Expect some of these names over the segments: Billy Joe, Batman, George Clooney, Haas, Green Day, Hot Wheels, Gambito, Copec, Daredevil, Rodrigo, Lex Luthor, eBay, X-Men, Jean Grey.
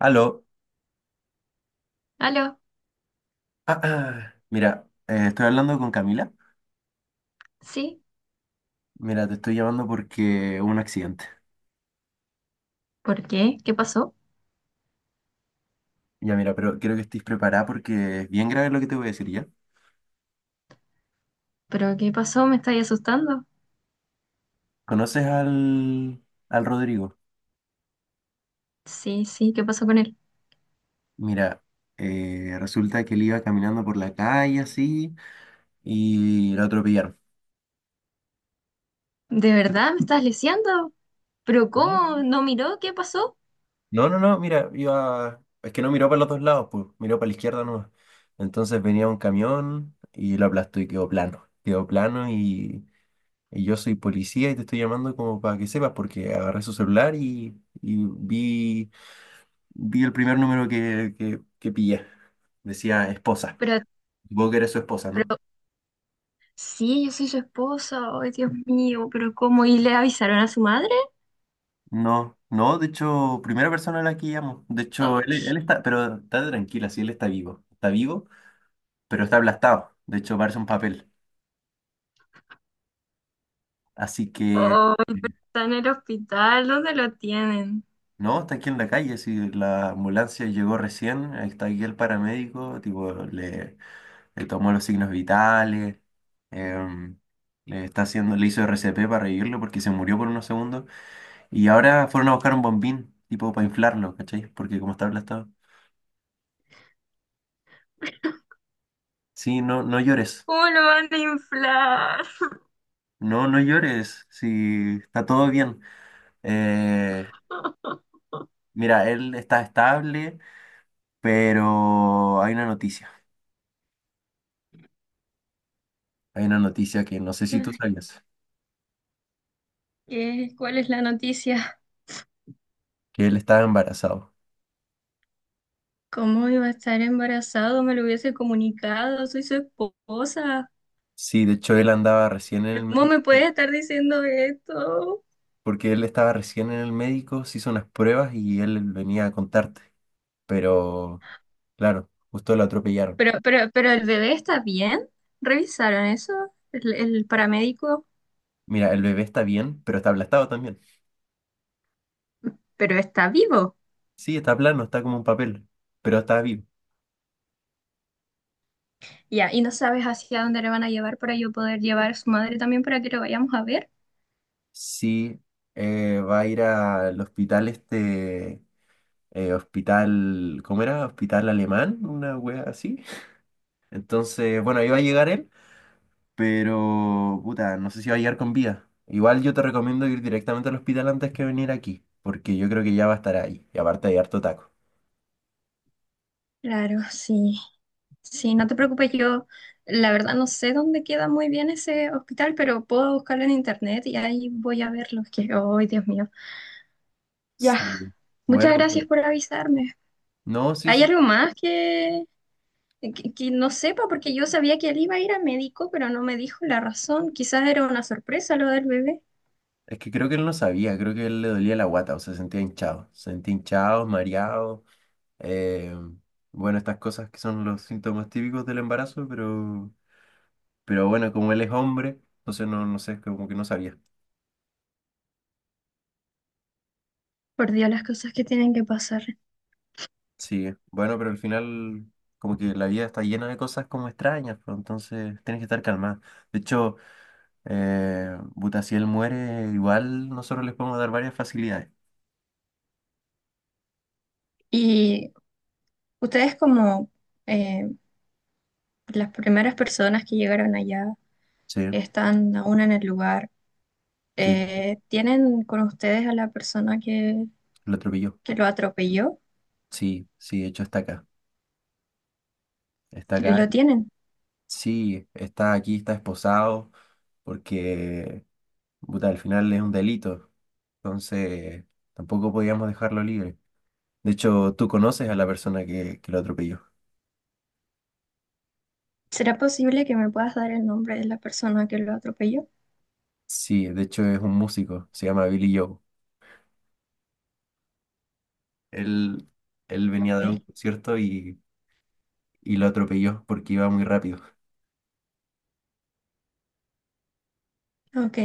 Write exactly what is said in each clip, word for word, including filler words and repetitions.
Aló. ¿Aló? Ah, ah. Mira, eh, estoy hablando con Camila. ¿Sí? Mira, te estoy llamando porque hubo un accidente. ¿Por qué? ¿Qué pasó? Ya, mira, pero quiero que estés preparada porque es bien grave lo que te voy a decir, ¿ya? ¿Pero qué pasó? ¿Me estáis asustando? ¿Conoces al, al Rodrigo? Sí, sí, ¿qué pasó con él? Mira, eh, resulta que él iba caminando por la calle así y lo atropellaron. ¿De verdad me estás lisiando? ¿Pero ¿Ah? cómo? ¿No miró? ¿Qué pasó? No, no, no, mira, iba... Es que no miró para los dos lados, pues, miró para la izquierda nomás. Entonces venía un camión y lo aplastó y quedó plano. Quedó plano y Y yo soy policía y te estoy llamando como para que sepas, porque agarré su celular y, y vi, vi el primer número que, que, que pillé. Decía esposa. Pero, Supongo que eres su esposa, ¿no? pero, sí, yo soy su esposa. Ay, Dios mío, pero ¿cómo? ¿Y le avisaron a su madre? No, no, de hecho, primera persona a la que llamo. De hecho, él, él Ay, está, pero está tranquila, sí, él está vivo. Está vivo, pero está aplastado. De hecho, parece un papel. Así que, ay, pero está en el hospital. ¿Dónde lo tienen? no, está aquí en la calle, si la ambulancia llegó recién, está aquí el paramédico, tipo, le le tomó los signos vitales, em, le está haciendo, le hizo R C P para revivirlo porque se murió por unos segundos y ahora fueron a buscar un bombín, tipo para inflarlo, ¿cachai? Porque como está aplastado. Sí, no, no llores, ¿Cómo lo van a inflar? no, no llores, sí, está todo bien. Eh, mira, él está estable, pero hay una noticia, hay una noticia que no sé si tú Ay, sabías, ¿qué? ¿Cuál es la noticia? que él estaba embarazado. ¿Cómo iba a estar embarazado? Me lo hubiese comunicado. Soy su esposa. Sí, de hecho él andaba recién en el Pero, ¿cómo me puedes médico. estar diciendo esto? Porque él estaba recién en el médico, se hizo unas pruebas y él venía a contarte. Pero, claro, justo lo atropellaron. Pero, pero, pero el bebé está bien. ¿Revisaron eso? El, el paramédico, Mira, el bebé está bien, pero está aplastado también. pero está vivo. Sí, está plano, está como un papel, pero está vivo. Ya, y no sabes hacia dónde le van a llevar para yo poder llevar a su madre también para que lo vayamos a ver. Sí, eh, va a ir al hospital este, eh, hospital, ¿cómo era? Hospital alemán, una wea así. Entonces, bueno, ahí va a llegar él. Pero, puta, no sé si va a llegar con vida. Igual yo te recomiendo ir directamente al hospital antes que venir aquí, porque yo creo que ya va a estar ahí. Y aparte hay harto taco. Claro, sí. Sí, no te preocupes, yo la verdad no sé dónde queda muy bien ese hospital, pero puedo buscarlo en internet y ahí voy a verlo. Que, ay, Dios mío. Ya. Sí. Muchas Bueno, pero- gracias por avisarme. no, sí, ¿Hay sí. algo más que, eh, que, que no sepa? Porque yo sabía que él iba a ir a médico, pero no me dijo la razón. Quizás era una sorpresa lo del bebé. Es que creo que él no sabía, creo que él le dolía la guata, o sea, sentía hinchado. Sentía hinchado, mareado. eh, bueno, estas cosas que son los síntomas típicos del embarazo, pero, pero bueno, como él es hombre, entonces no, no sé, como que no sabía. Por Dios, las cosas que tienen que pasar. Sí, bueno, pero al final como que la vida está llena de cosas como extrañas, pues, entonces tienes que estar calmado. De hecho, eh, puta, si él muere, igual nosotros les podemos dar varias facilidades. Y ustedes como eh, las primeras personas que llegaron allá, Sí, están aún en el lugar, sí, eh, ¿tienen con ustedes a la persona que, lo atropelló. que lo atropelló? Sí, sí, de hecho está acá. Está acá, Lo tienen. sí, está aquí, está esposado, porque puta, al final es un delito. Entonces, tampoco podíamos dejarlo libre. De hecho, tú conoces a la persona que, que lo atropelló. ¿Será posible que me puedas dar el nombre de la persona que lo atropelló? Sí, de hecho es un músico, se llama Billy Joe. Él, él venía a dar un Ok. concierto y, y lo atropelló porque iba muy rápido. Ok.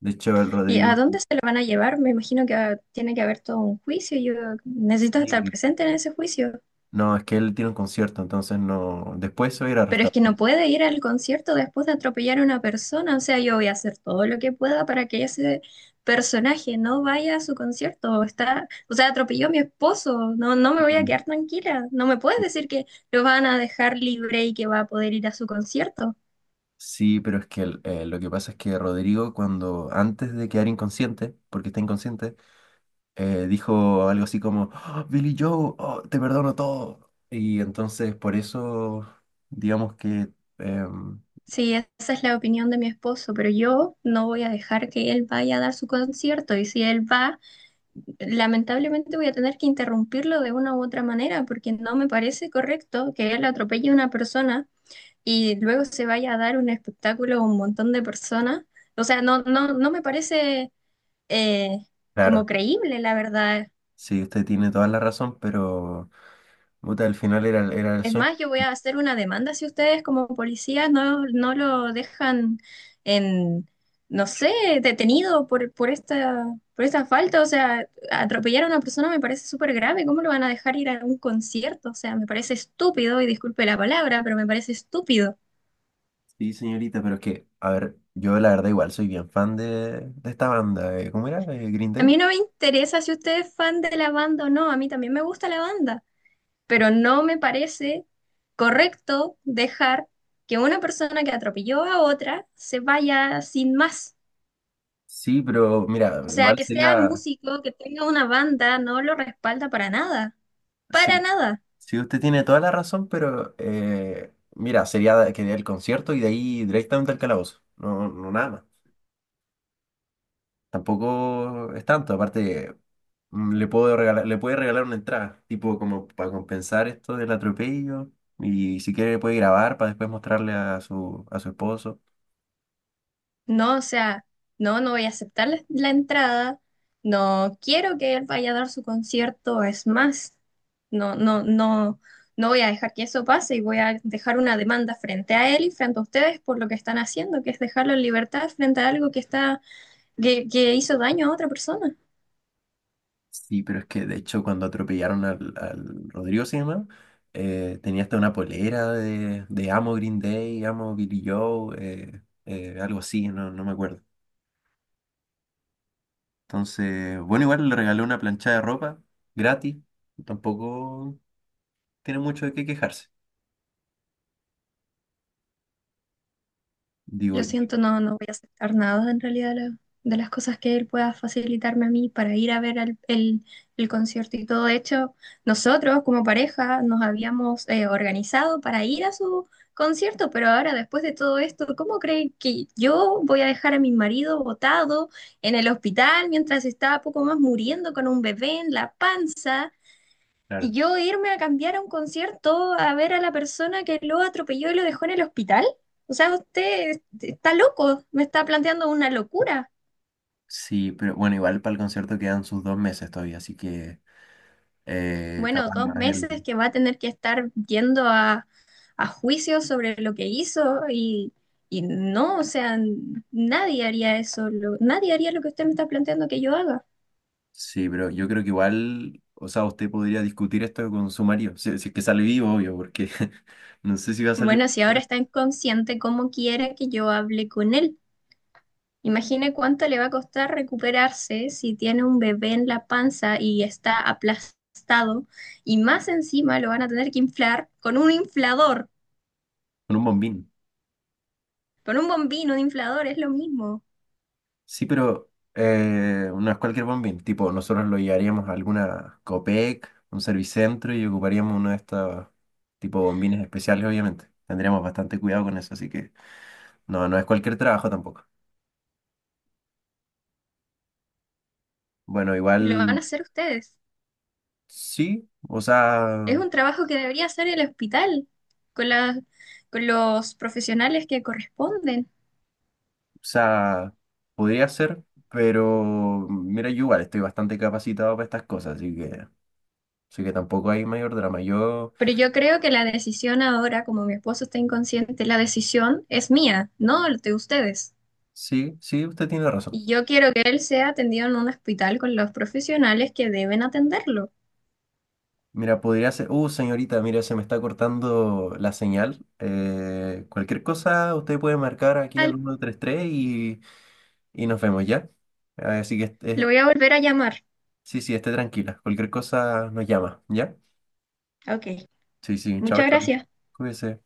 De hecho, el ¿Y a Rodrigo... dónde se lo van a llevar? Me imagino que ah, tiene que haber todo un juicio. Yo necesito estar Sí, presente en ese juicio. no, es que él tiene un concierto, entonces no... Después se va a ir a Pero es arrestar. que no puede ir al concierto después de atropellar a una persona. O sea, yo voy a hacer todo lo que pueda para que ese personaje no vaya a su concierto. Está, o sea, atropelló a mi esposo. No, no me voy a Sí, quedar tranquila. No me puedes sí, decir que lo van a dejar libre y que va a poder ir a su concierto. sí, pero es que el- eh, lo que pasa es que Rodrigo, cuando antes de quedar inconsciente, porque está inconsciente, eh, dijo algo así como: "Ah, Billy Joe, oh, te perdono todo". Y entonces por eso, digamos que, em, Sí, esa es la opinión de mi esposo, pero yo no voy a dejar que él vaya a dar su concierto y si él va... lamentablemente voy a tener que interrumpirlo de una u otra manera porque no me parece correcto que él atropelle a una persona y luego se vaya a dar un espectáculo a un montón de personas. O sea, no, no, no me parece eh, como claro, creíble, la verdad. sí, usted tiene toda la razón, pero... Puta, al final era, el- era el Es sueño. más, yo voy a hacer una demanda si ustedes como policías no, no lo dejan en, no sé, detenido por, por esta, por esta falta. O sea, atropellar a una persona me parece súper grave. ¿Cómo lo van a dejar ir a un concierto? O sea, me parece estúpido, y disculpe la palabra, pero me parece estúpido. Sí, señorita, pero es que, a ver, yo la verdad igual soy bien fan de, de esta banda. eh, ¿Cómo era? Eh, ¿Green A Day? mí no me interesa si usted es fan de la banda o no, a mí también me gusta la banda, pero no me parece correcto dejar que una persona que atropelló a otra se vaya sin más. Sí, pero mira, O sea, igual que sea sería, músico, que tenga una banda, no lo respalda para nada, para sí, nada. sí, usted tiene toda la razón, pero eh, mira, sería que dé el concierto y de ahí directamente al calabozo. No, no nada más. Tampoco es tanto, aparte mm, le puedo regalar, le puede regalar una entrada, tipo como para compensar esto del atropello. Y si quiere puede grabar para después mostrarle a su, a su esposo. No, o sea, no, no voy a aceptar la la entrada, no quiero que él vaya a dar su concierto, es más, no, no, no, no voy a dejar que eso pase y voy a dejar una demanda frente a él y frente a ustedes por lo que están haciendo, que es dejarlo en libertad frente a algo que está, que, que hizo daño a otra persona. Sí, pero es que de hecho cuando atropellaron al, al Rodrigo se llama, eh, tenía hasta una polera de, de Amo Green Day, Amo Billy Joe, eh, eh, algo así, no, no me acuerdo. Entonces, bueno, igual le regaló una plancha de ropa gratis, tampoco tiene mucho de qué quejarse, digo, Lo yo. siento, no, no voy a aceptar nada en realidad de, la- de las cosas que él pueda facilitarme a mí para ir a ver al- el, el concierto y todo. De hecho, nosotros como pareja nos habíamos eh, organizado para ir a su concierto, pero ahora después de todo esto, ¿cómo creen que yo voy a dejar a mi marido botado en el hospital mientras está poco más muriendo con un bebé en la panza? Y Claro. yo irme a cambiar a un concierto a ver a la persona que lo atropelló y lo dejó en el hospital. O sea, usted está loco, me está planteando una locura. Sí, pero bueno, igual para el concierto quedan sus dos meses todavía, así que eh, Bueno, capaz dos no es meses él. que va a tener que estar yendo a, a juicio sobre lo que hizo y, y no, o sea, n- nadie haría eso, lo- nadie haría lo que usted me está planteando que yo haga. Sí, pero yo creo que igual, o sea, usted podría discutir esto con su marido, si, si es que sale vivo, obvio, porque no sé si va a salir Bueno, si ahora está inconsciente, ¿cómo quiere que yo hable con él? Imagine cuánto le va a costar recuperarse si tiene un bebé en la panza y está aplastado y más encima lo van a tener que inflar con un inflador, con un bombín. con un bombino de inflador, es lo mismo. Sí, pero eh, no es cualquier bombín, tipo, nosotros lo llevaríamos a alguna Copec, un servicentro y ocuparíamos uno de estos tipo bombines especiales, obviamente. Tendríamos bastante cuidado con eso, así que no, no es cualquier trabajo tampoco. Bueno, Y lo van igual a hacer ustedes. sí, o sea... Es un trabajo que debería hacer el hospital con las- con los profesionales que corresponden. o sea, podría ser, pero mira, yo igual estoy bastante capacitado para estas cosas, así que, así que tampoco hay mayor drama. Yo, Pero yo creo que la decisión ahora, como mi esposo está inconsciente, la decisión es mía, no de ustedes. sí, sí, usted tiene razón. Y yo quiero que él sea atendido en un hospital con los profesionales que deben atenderlo. Mira, podría ser, uh, señorita, mira, se me está cortando la señal. Eh, cualquier cosa, usted puede marcar aquí al Al- uno tres tres y, y nos vemos, ¿ya? Así que, Lo este- voy a volver a llamar. sí, sí, esté tranquila. Cualquier cosa nos llama, ¿ya? Ok, Sí, sí, chao, muchas chao. gracias. Cuídese.